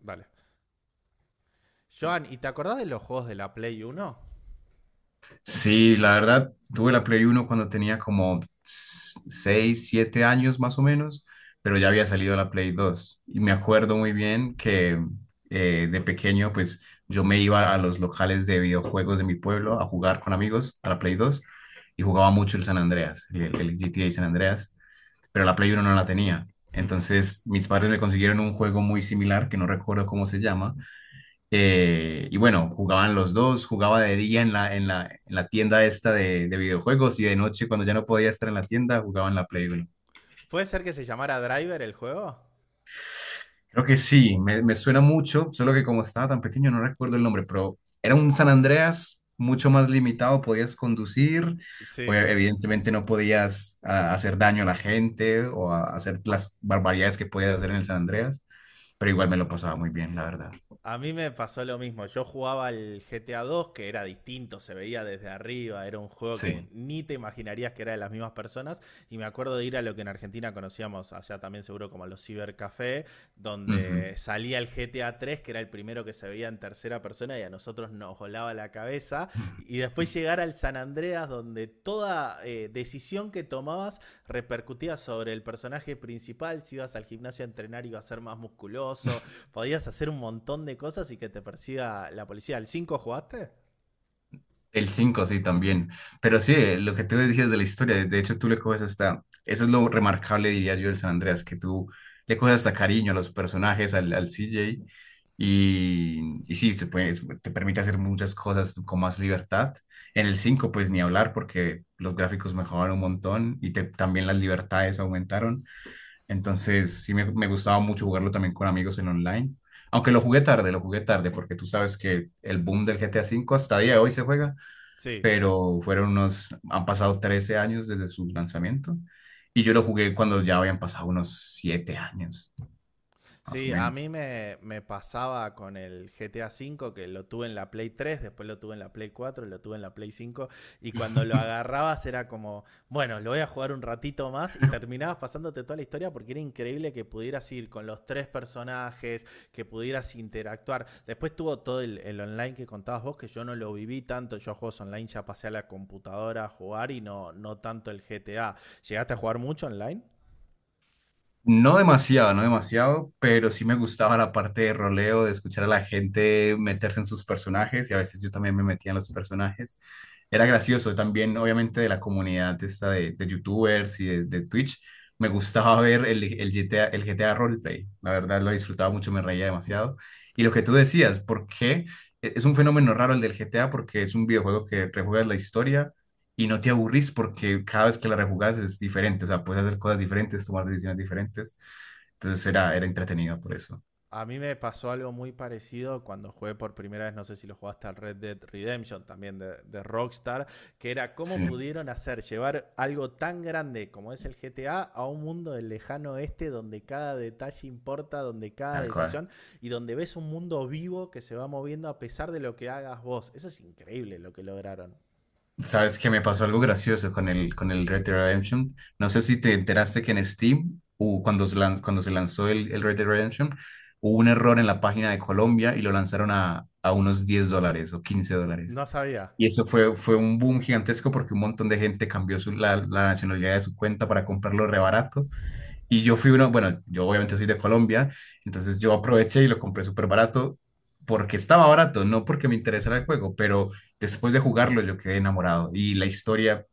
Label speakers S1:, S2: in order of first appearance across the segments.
S1: Vale. Joan, ¿y te acordás de los juegos de la Play Uno?
S2: Sí, la verdad, tuve la Play Uno cuando tenía como 6 7 años más o menos, pero ya había salido la Play Dos. Y me acuerdo muy bien que de pequeño, pues yo me iba a los locales de videojuegos de mi pueblo a jugar con amigos a la Play 2 y jugaba mucho el San Andreas, el GTA San Andreas, pero la Play Uno no la tenía.
S1: Hmm.
S2: Entonces mis padres me consiguieron un juego muy similar que no recuerdo cómo se llama, y bueno, jugaban los dos, jugaba de día en la tienda esta de videojuegos y de noche cuando ya no podía estar en la tienda, jugaba en la Play uno.
S1: ¿Puede ser que se llamara Driver el juego?
S2: Creo que sí, me suena mucho, solo que como estaba tan pequeño no recuerdo el nombre, pero era un San Andreas mucho más limitado, podías conducir,
S1: Sí.
S2: evidentemente no podías hacer daño a la gente hacer las barbaridades que podías hacer en el San Andreas, pero igual me lo pasaba muy bien, la verdad.
S1: A mí me pasó lo mismo. Yo jugaba al GTA 2, que era distinto, se veía desde arriba, era un juego que
S2: Sí.
S1: ni te imaginarías que era de las mismas personas. Y me acuerdo de ir a lo que en Argentina conocíamos allá también seguro como los cibercafés, donde salía el GTA 3, que era el primero que se veía en tercera persona y a nosotros nos volaba la cabeza. Y después llegar al San Andreas, donde toda decisión que tomabas repercutía sobre el personaje principal. Si ibas al gimnasio a entrenar ibas a ser más musculoso, podías hacer un montón de cosas y que te persiga la policía. ¿Al 5 jugaste?
S2: El 5 sí, también. Pero sí, lo que tú decías de la historia, de hecho tú le coges hasta, eso es lo remarcable, diría yo, del San Andreas, que tú le coges hasta cariño a los personajes, al CJ, y sí, te permite hacer muchas cosas con más libertad. En el 5 pues ni hablar, porque los gráficos mejoraron un montón y también las libertades aumentaron. Entonces, sí, me gustaba mucho jugarlo también con amigos en online. Aunque lo jugué tarde, porque tú sabes que el boom del GTA cinco hasta día de hoy se juega,
S1: Sí.
S2: pero fueron unos, han pasado 13 años desde su lanzamiento y yo lo jugué cuando ya habían pasado unos 7 años, más o
S1: Sí, a
S2: menos.
S1: mí me pasaba con el GTA V, que lo tuve en la Play 3, después lo tuve en la Play 4, lo tuve en la Play 5, y cuando lo agarrabas era como, bueno, lo voy a jugar un ratito más, y terminabas pasándote toda la historia porque era increíble que pudieras ir con los tres personajes, que pudieras interactuar. Después tuvo todo el online que contabas vos, que yo no lo viví tanto. Yo a juegos online ya pasé a la computadora a jugar y no, no tanto el GTA. ¿Llegaste a jugar mucho online?
S2: No demasiado, no demasiado, pero sí me gustaba la parte de roleo, de escuchar a la gente meterse en sus personajes y a veces yo también me metía en los personajes. Era gracioso también, obviamente, de la comunidad esta de YouTubers y de Twitch. Me gustaba ver el GTA, el GTA Roleplay. La verdad lo disfrutaba mucho, me reía demasiado. Y lo que tú decías, ¿por qué? Es un fenómeno raro el del GTA porque es un videojuego que rejuegas la historia y no te aburrís porque cada vez que la rejugás es diferente, o sea, puedes hacer cosas diferentes, tomar decisiones diferentes. Entonces era entretenido por eso.
S1: A mí me pasó algo muy parecido cuando jugué por primera vez. No sé si lo jugaste al Red Dead Redemption, también de Rockstar, que era cómo
S2: Sí,
S1: pudieron hacer llevar algo tan grande como es el GTA a un mundo del lejano oeste donde cada detalle importa, donde cada
S2: tal cual.
S1: decisión y donde ves un mundo vivo que se va moviendo a pesar de lo que hagas vos. Eso es increíble lo que lograron.
S2: ¿Sabes que me pasó algo gracioso con con el Red Dead Redemption? No sé si te enteraste que en Steam, cuando cuando se lanzó el Red Dead Redemption, hubo un error en la página de Colombia y lo lanzaron a unos 10 dólares o 15 dólares.
S1: No sabía.
S2: Y eso fue un boom gigantesco porque un montón de gente cambió la nacionalidad de su cuenta para comprarlo rebarato. Y yo fui uno, bueno, yo obviamente soy de Colombia, entonces yo aproveché y lo compré súper barato porque estaba barato, no porque me interesara el juego, pero después de jugarlo yo quedé enamorado y la historia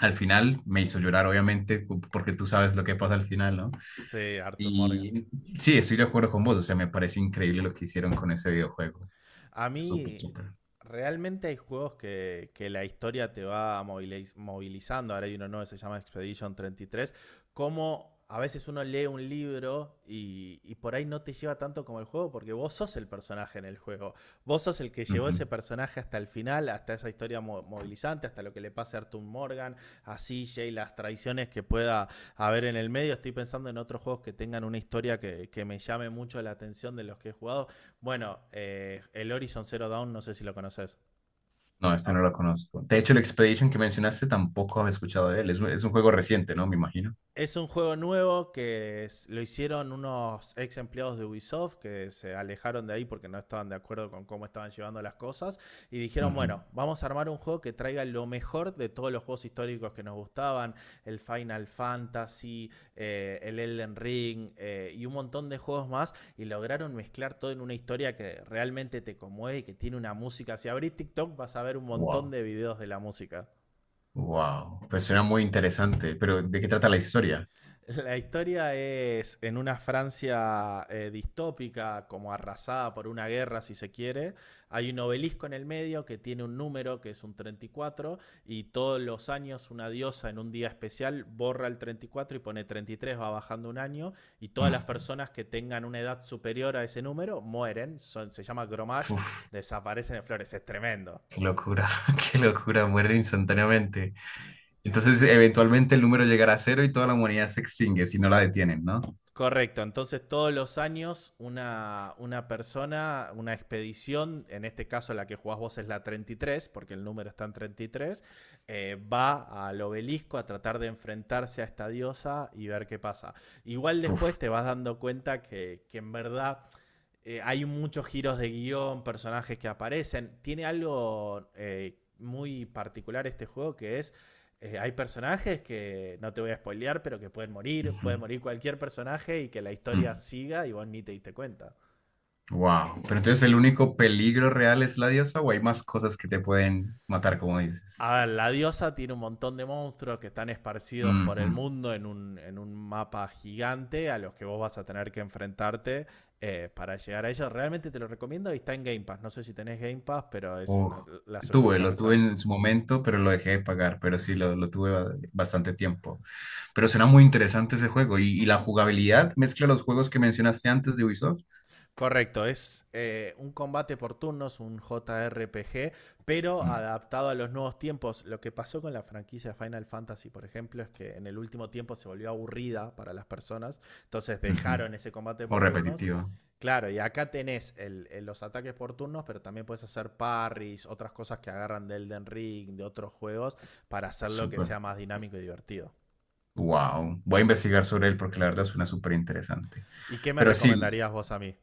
S2: al final me hizo llorar, obviamente, porque tú sabes lo que pasa al final, ¿no?
S1: Sí, Arthur Morgan.
S2: Y sí, estoy de acuerdo con vos, o sea, me parece increíble lo que hicieron con ese videojuego.
S1: A
S2: Súper,
S1: mí,
S2: súper.
S1: realmente hay juegos que la historia te va movilizando. Ahora hay uno nuevo que se llama Expedition 33. Como a veces uno lee un libro y por ahí no te lleva tanto como el juego, porque vos sos el personaje en el juego. Vos sos el que llevó
S2: Ujú.
S1: ese personaje hasta el final, hasta esa historia movilizante, hasta lo que le pase a Arthur Morgan, a CJ, las traiciones que pueda haber en el medio. Estoy pensando en otros juegos que tengan una historia que me llame mucho la atención de los que he jugado. Bueno, el Horizon Zero Dawn, no sé si lo conoces,
S2: No, este
S1: ¿no?
S2: no lo conozco. De hecho, el Expedition que mencionaste tampoco había escuchado de él. Es un juego reciente, ¿no? Me imagino.
S1: Es un juego nuevo que lo hicieron unos ex empleados de Ubisoft que se alejaron de ahí porque no estaban de acuerdo con cómo estaban llevando las cosas, y dijeron,
S2: Ujú.
S1: bueno, vamos a armar un juego que traiga lo mejor de todos los juegos históricos que nos gustaban: el Final Fantasy, el Elden Ring y un montón de juegos más, y lograron mezclar todo en una historia que realmente te conmueve y que tiene una música. Si abrís TikTok vas a ver un montón
S2: Wow.
S1: de videos de la música.
S2: Wow, pues suena muy interesante, pero ¿de qué trata la historia?
S1: La historia es en una Francia distópica, como arrasada por una guerra, si se quiere. Hay un obelisco en el medio que tiene un número que es un 34, y todos los años una diosa en un día especial borra el 34 y pone 33, va bajando un año, y todas las
S2: Mm.
S1: personas que tengan una edad superior a ese número mueren. Son, se llama gromage,
S2: Uf,
S1: desaparecen en flores. Es tremendo.
S2: qué locura, qué locura, muere instantáneamente. Entonces, eventualmente el número llegará a cero y toda la humanidad se extingue si no la detienen, ¿no?
S1: Correcto, entonces todos los años una persona, una expedición, en este caso la que jugás vos es la 33, porque el número está en 33, va al obelisco a tratar de enfrentarse a esta diosa y ver qué pasa. Igual después
S2: Uf.
S1: te vas dando cuenta que en verdad hay muchos giros de guión, personajes que aparecen. Tiene algo muy particular este juego que es. Hay personajes que no te voy a spoilear, pero que pueden morir. Puede morir cualquier personaje y que la historia siga y vos ni te diste cuenta.
S2: Wow, pero entonces el único peligro real es la diosa o hay más cosas que te pueden matar, como dices.
S1: A ver, la diosa tiene un montón de monstruos que están esparcidos por
S2: Ujú.
S1: el mundo en un mapa gigante a los que vos vas a tener que enfrentarte para llegar a ellos. Realmente te lo recomiendo y está en Game Pass. No sé si tenés Game Pass, pero es
S2: Uf,
S1: la
S2: tuve,
S1: suscripción
S2: lo tuve
S1: mensual.
S2: en su momento, pero lo dejé de pagar, pero sí, lo tuve bastante tiempo. Pero suena muy interesante ese juego y la jugabilidad mezcla los juegos que mencionaste antes de Ubisoft.
S1: Correcto, es un combate por turnos, un JRPG, pero
S2: Mm,
S1: adaptado a los nuevos tiempos. Lo que pasó con la franquicia Final Fantasy, por ejemplo, es que en el último tiempo se volvió aburrida para las personas, entonces
S2: ujú.
S1: dejaron ese combate
S2: O
S1: por turnos.
S2: repetitiva.
S1: Claro, y acá tenés los ataques por turnos, pero también puedes hacer parries, otras cosas que agarran de Elden Ring, de otros juegos, para hacerlo que
S2: Súper.
S1: sea más dinámico y divertido.
S2: Wow. Voy a investigar sobre él porque la verdad suena súper interesante.
S1: ¿Y qué me
S2: Pero sí,
S1: recomendarías vos a mí?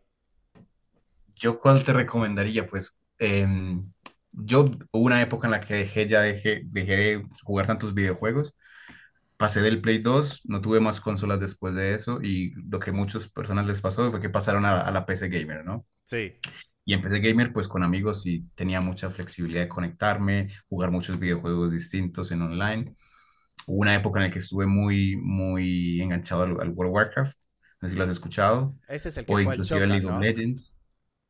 S2: ¿yo cuál te recomendaría? Pues yo hubo una época en la que dejé de jugar tantos videojuegos. Pasé del Play 2, no tuve más consolas después de eso y lo que muchas personas les pasó fue que pasaron a la PC Gamer, ¿no?
S1: Sí,
S2: Y en PC Gamer, pues con amigos sí tenía mucha flexibilidad de conectarme, jugar muchos videojuegos distintos en online. Hubo una época en la que estuve muy, muy enganchado al World of Warcraft, no sé si lo has escuchado,
S1: ese es el que
S2: o
S1: juega el
S2: inclusive al
S1: Chocas,
S2: League of
S1: ¿no?
S2: Legends.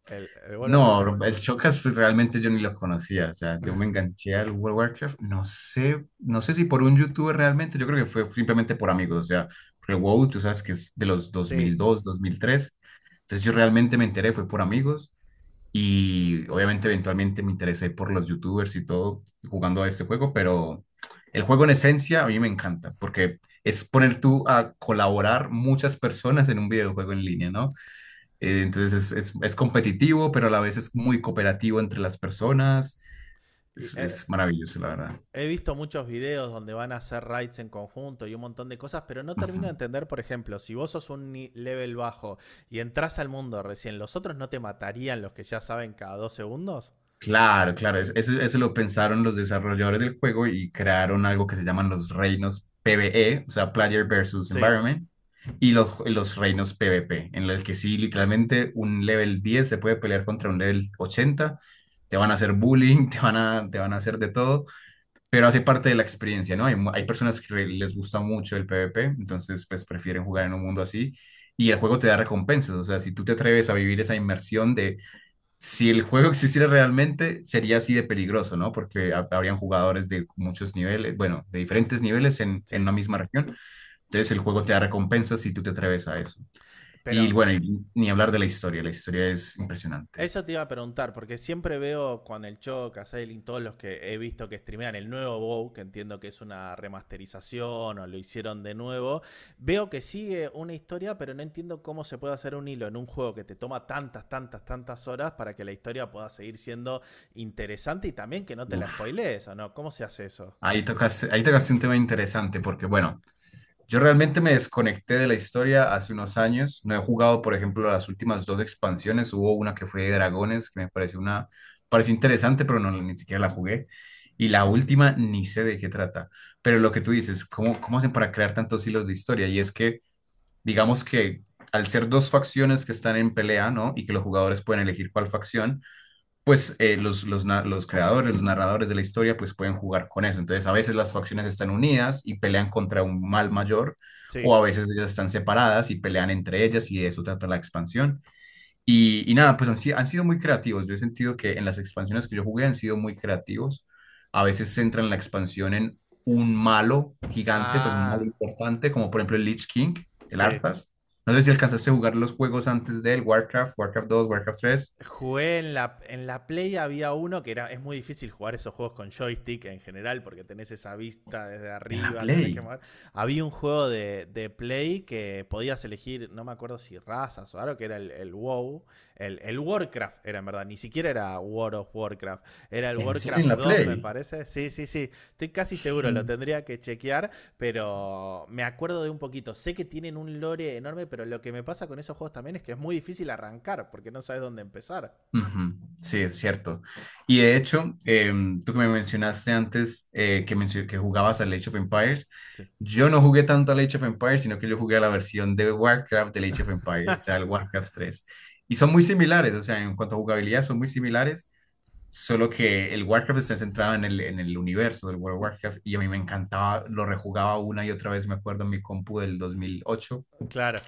S1: El World of Warcraft.
S2: No, el Shocas pues, realmente yo ni los conocía, o sea, yo me enganché al World of Warcraft, no sé si por un youtuber realmente, yo creo que fue simplemente por amigos, o sea, porque WoW, tú sabes que es de los dos
S1: Sí.
S2: mil dos, dos mil tres, entonces yo realmente me enteré, fue por amigos, y obviamente eventualmente me interesé por los youtubers y todo jugando a este juego, pero el juego en esencia a mí me encanta, porque es poner tú a colaborar muchas personas en un videojuego en línea, ¿no? Entonces es competitivo, pero a la vez es muy cooperativo entre las personas.
S1: Y,
S2: Es, es maravilloso, la verdad.
S1: he visto muchos videos donde van a hacer raids en conjunto y un montón de cosas, pero no
S2: Ujú.
S1: termino de entender, por ejemplo, si vos sos un level bajo y entras al mundo recién, ¿los otros no te matarían los que ya saben cada dos segundos?
S2: Claro, claro, eso, eso lo pensaron los desarrolladores del juego y crearon algo que se llaman los reinos PvE, o sea, Player versus
S1: Sí,
S2: Environment, y los reinos PvP, en los que sí, literalmente un level 10 se puede pelear contra un level 80. Te van a hacer bullying, te van a hacer de todo, pero hace parte de la experiencia, ¿no? Hay personas que les gusta mucho el PvP, entonces pues prefieren jugar en un mundo así y el juego te da recompensas, o sea, si tú te atreves a vivir esa inmersión de si el juego existiera realmente, sería así de peligroso, ¿no? Porque habrían jugadores de muchos niveles, bueno, de diferentes niveles en
S1: sí.
S2: una misma región, entonces el juego te da recompensas si tú te atreves a eso.
S1: Pero
S2: Y bueno, y ni hablar de la historia es impresionante.
S1: eso te iba a preguntar, porque siempre veo con el Choc, a Sailing, todos los que he visto que streamean el nuevo WoW, que entiendo que es una remasterización o lo hicieron de nuevo, veo que sigue una historia, pero no entiendo cómo se puede hacer un hilo en un juego que te toma tantas, tantas, tantas horas para que la historia pueda seguir siendo interesante y también que no te la
S2: Uf.
S1: spoilees, ¿o no? ¿Cómo se hace eso?
S2: Ahí tocaste un tema interesante porque, bueno, yo realmente me desconecté de la historia hace unos años. No he jugado, por ejemplo, las últimas dos expansiones. Hubo una que fue de dragones, que me pareció una, pareció interesante, pero no, ni siquiera la jugué. Y la última ni sé de qué trata. Pero lo que tú dices, cómo hacen para crear tantos hilos de historia? Y es que, digamos que al ser dos facciones que están en pelea, ¿no? Y que los jugadores pueden elegir cuál facción, pues los creadores, los narradores de la historia, pues pueden jugar con eso. Entonces, a veces las facciones están unidas y pelean contra un mal mayor,
S1: Sí.
S2: o a veces ellas están separadas y pelean entre ellas y de eso trata la expansión. Y nada, pues han, si- han sido muy creativos. Yo he sentido que en las expansiones que yo jugué han sido muy creativos. A veces centran la expansión en un malo gigante, pues un malo
S1: Ah,
S2: importante, como por ejemplo el Lich King, el
S1: sí.
S2: Arthas. No sé si alcanzaste a jugar los juegos antes del Warcraft, Warcraft 2, Warcraft 3,
S1: Jugué en la Play. Había uno que era, es muy difícil jugar esos juegos con joystick en general, porque tenés esa vista desde
S2: en la
S1: arriba, tenés que
S2: Play.
S1: mover. Había un juego de Play que podías elegir, no me acuerdo si razas o algo, que era el WoW, el Warcraft era en verdad, ni siquiera era War of Warcraft, era el
S2: ¿En serio en
S1: Warcraft
S2: la
S1: 2 me
S2: Play?
S1: parece, sí, sí, sí, estoy casi seguro, lo
S2: Sí,
S1: tendría que chequear, pero me acuerdo de un poquito. Sé que tienen un lore enorme, pero lo que me pasa con esos juegos también es que es muy difícil arrancar porque no sabes dónde empezar.
S2: ujú, sí, es cierto. Y de hecho, tú que me mencionaste antes que jugabas al Age of Empires,
S1: Sí.
S2: yo no jugué tanto al Age of Empires, sino que yo jugué a la versión de Warcraft del Age of Empires, o sea, el Warcraft 3 y son muy similares, o sea, en cuanto a jugabilidad son muy similares, solo que el Warcraft está centrado en en el universo del World of Warcraft y a mí me encantaba, lo rejugaba una y otra vez, me acuerdo en mi compu del 2008, era
S1: Claro.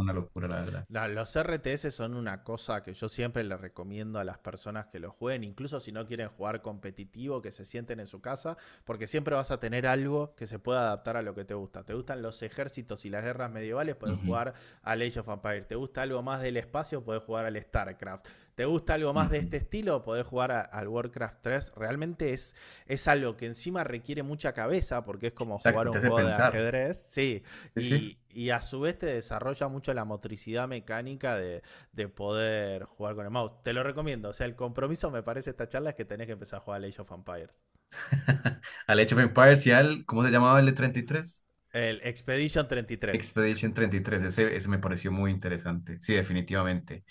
S2: una locura, la verdad.
S1: No, los RTS son una cosa que yo siempre le recomiendo a las personas que lo jueguen, incluso si no quieren jugar competitivo, que se sienten en su casa, porque siempre vas a tener algo que se pueda adaptar a lo que te gusta. ¿Te gustan los ejércitos y las guerras medievales? Puedes
S2: Ujú,
S1: jugar al Age of Empires. ¿Te gusta algo más del espacio? Puedes jugar al StarCraft. ¿Te gusta algo más de
S2: ujú.
S1: este estilo? Podés jugar al Warcraft 3. Realmente es, algo que encima requiere mucha cabeza, porque es como jugar
S2: Exacto,
S1: un
S2: te hace
S1: juego de
S2: pensar.
S1: ajedrez. Sí,
S2: Sí, sí.
S1: y a su vez te desarrolla mucho la motricidad mecánica de poder jugar con el mouse. Te lo recomiendo. O sea, el compromiso me parece esta charla es que tenés que empezar a jugar Age of Empires.
S2: Al Age of Empires y al, ¿cómo se llamaba el de 33?
S1: El Expedition 33.
S2: Expedition 33. Ese, ese me pareció muy interesante. Sí, definitivamente.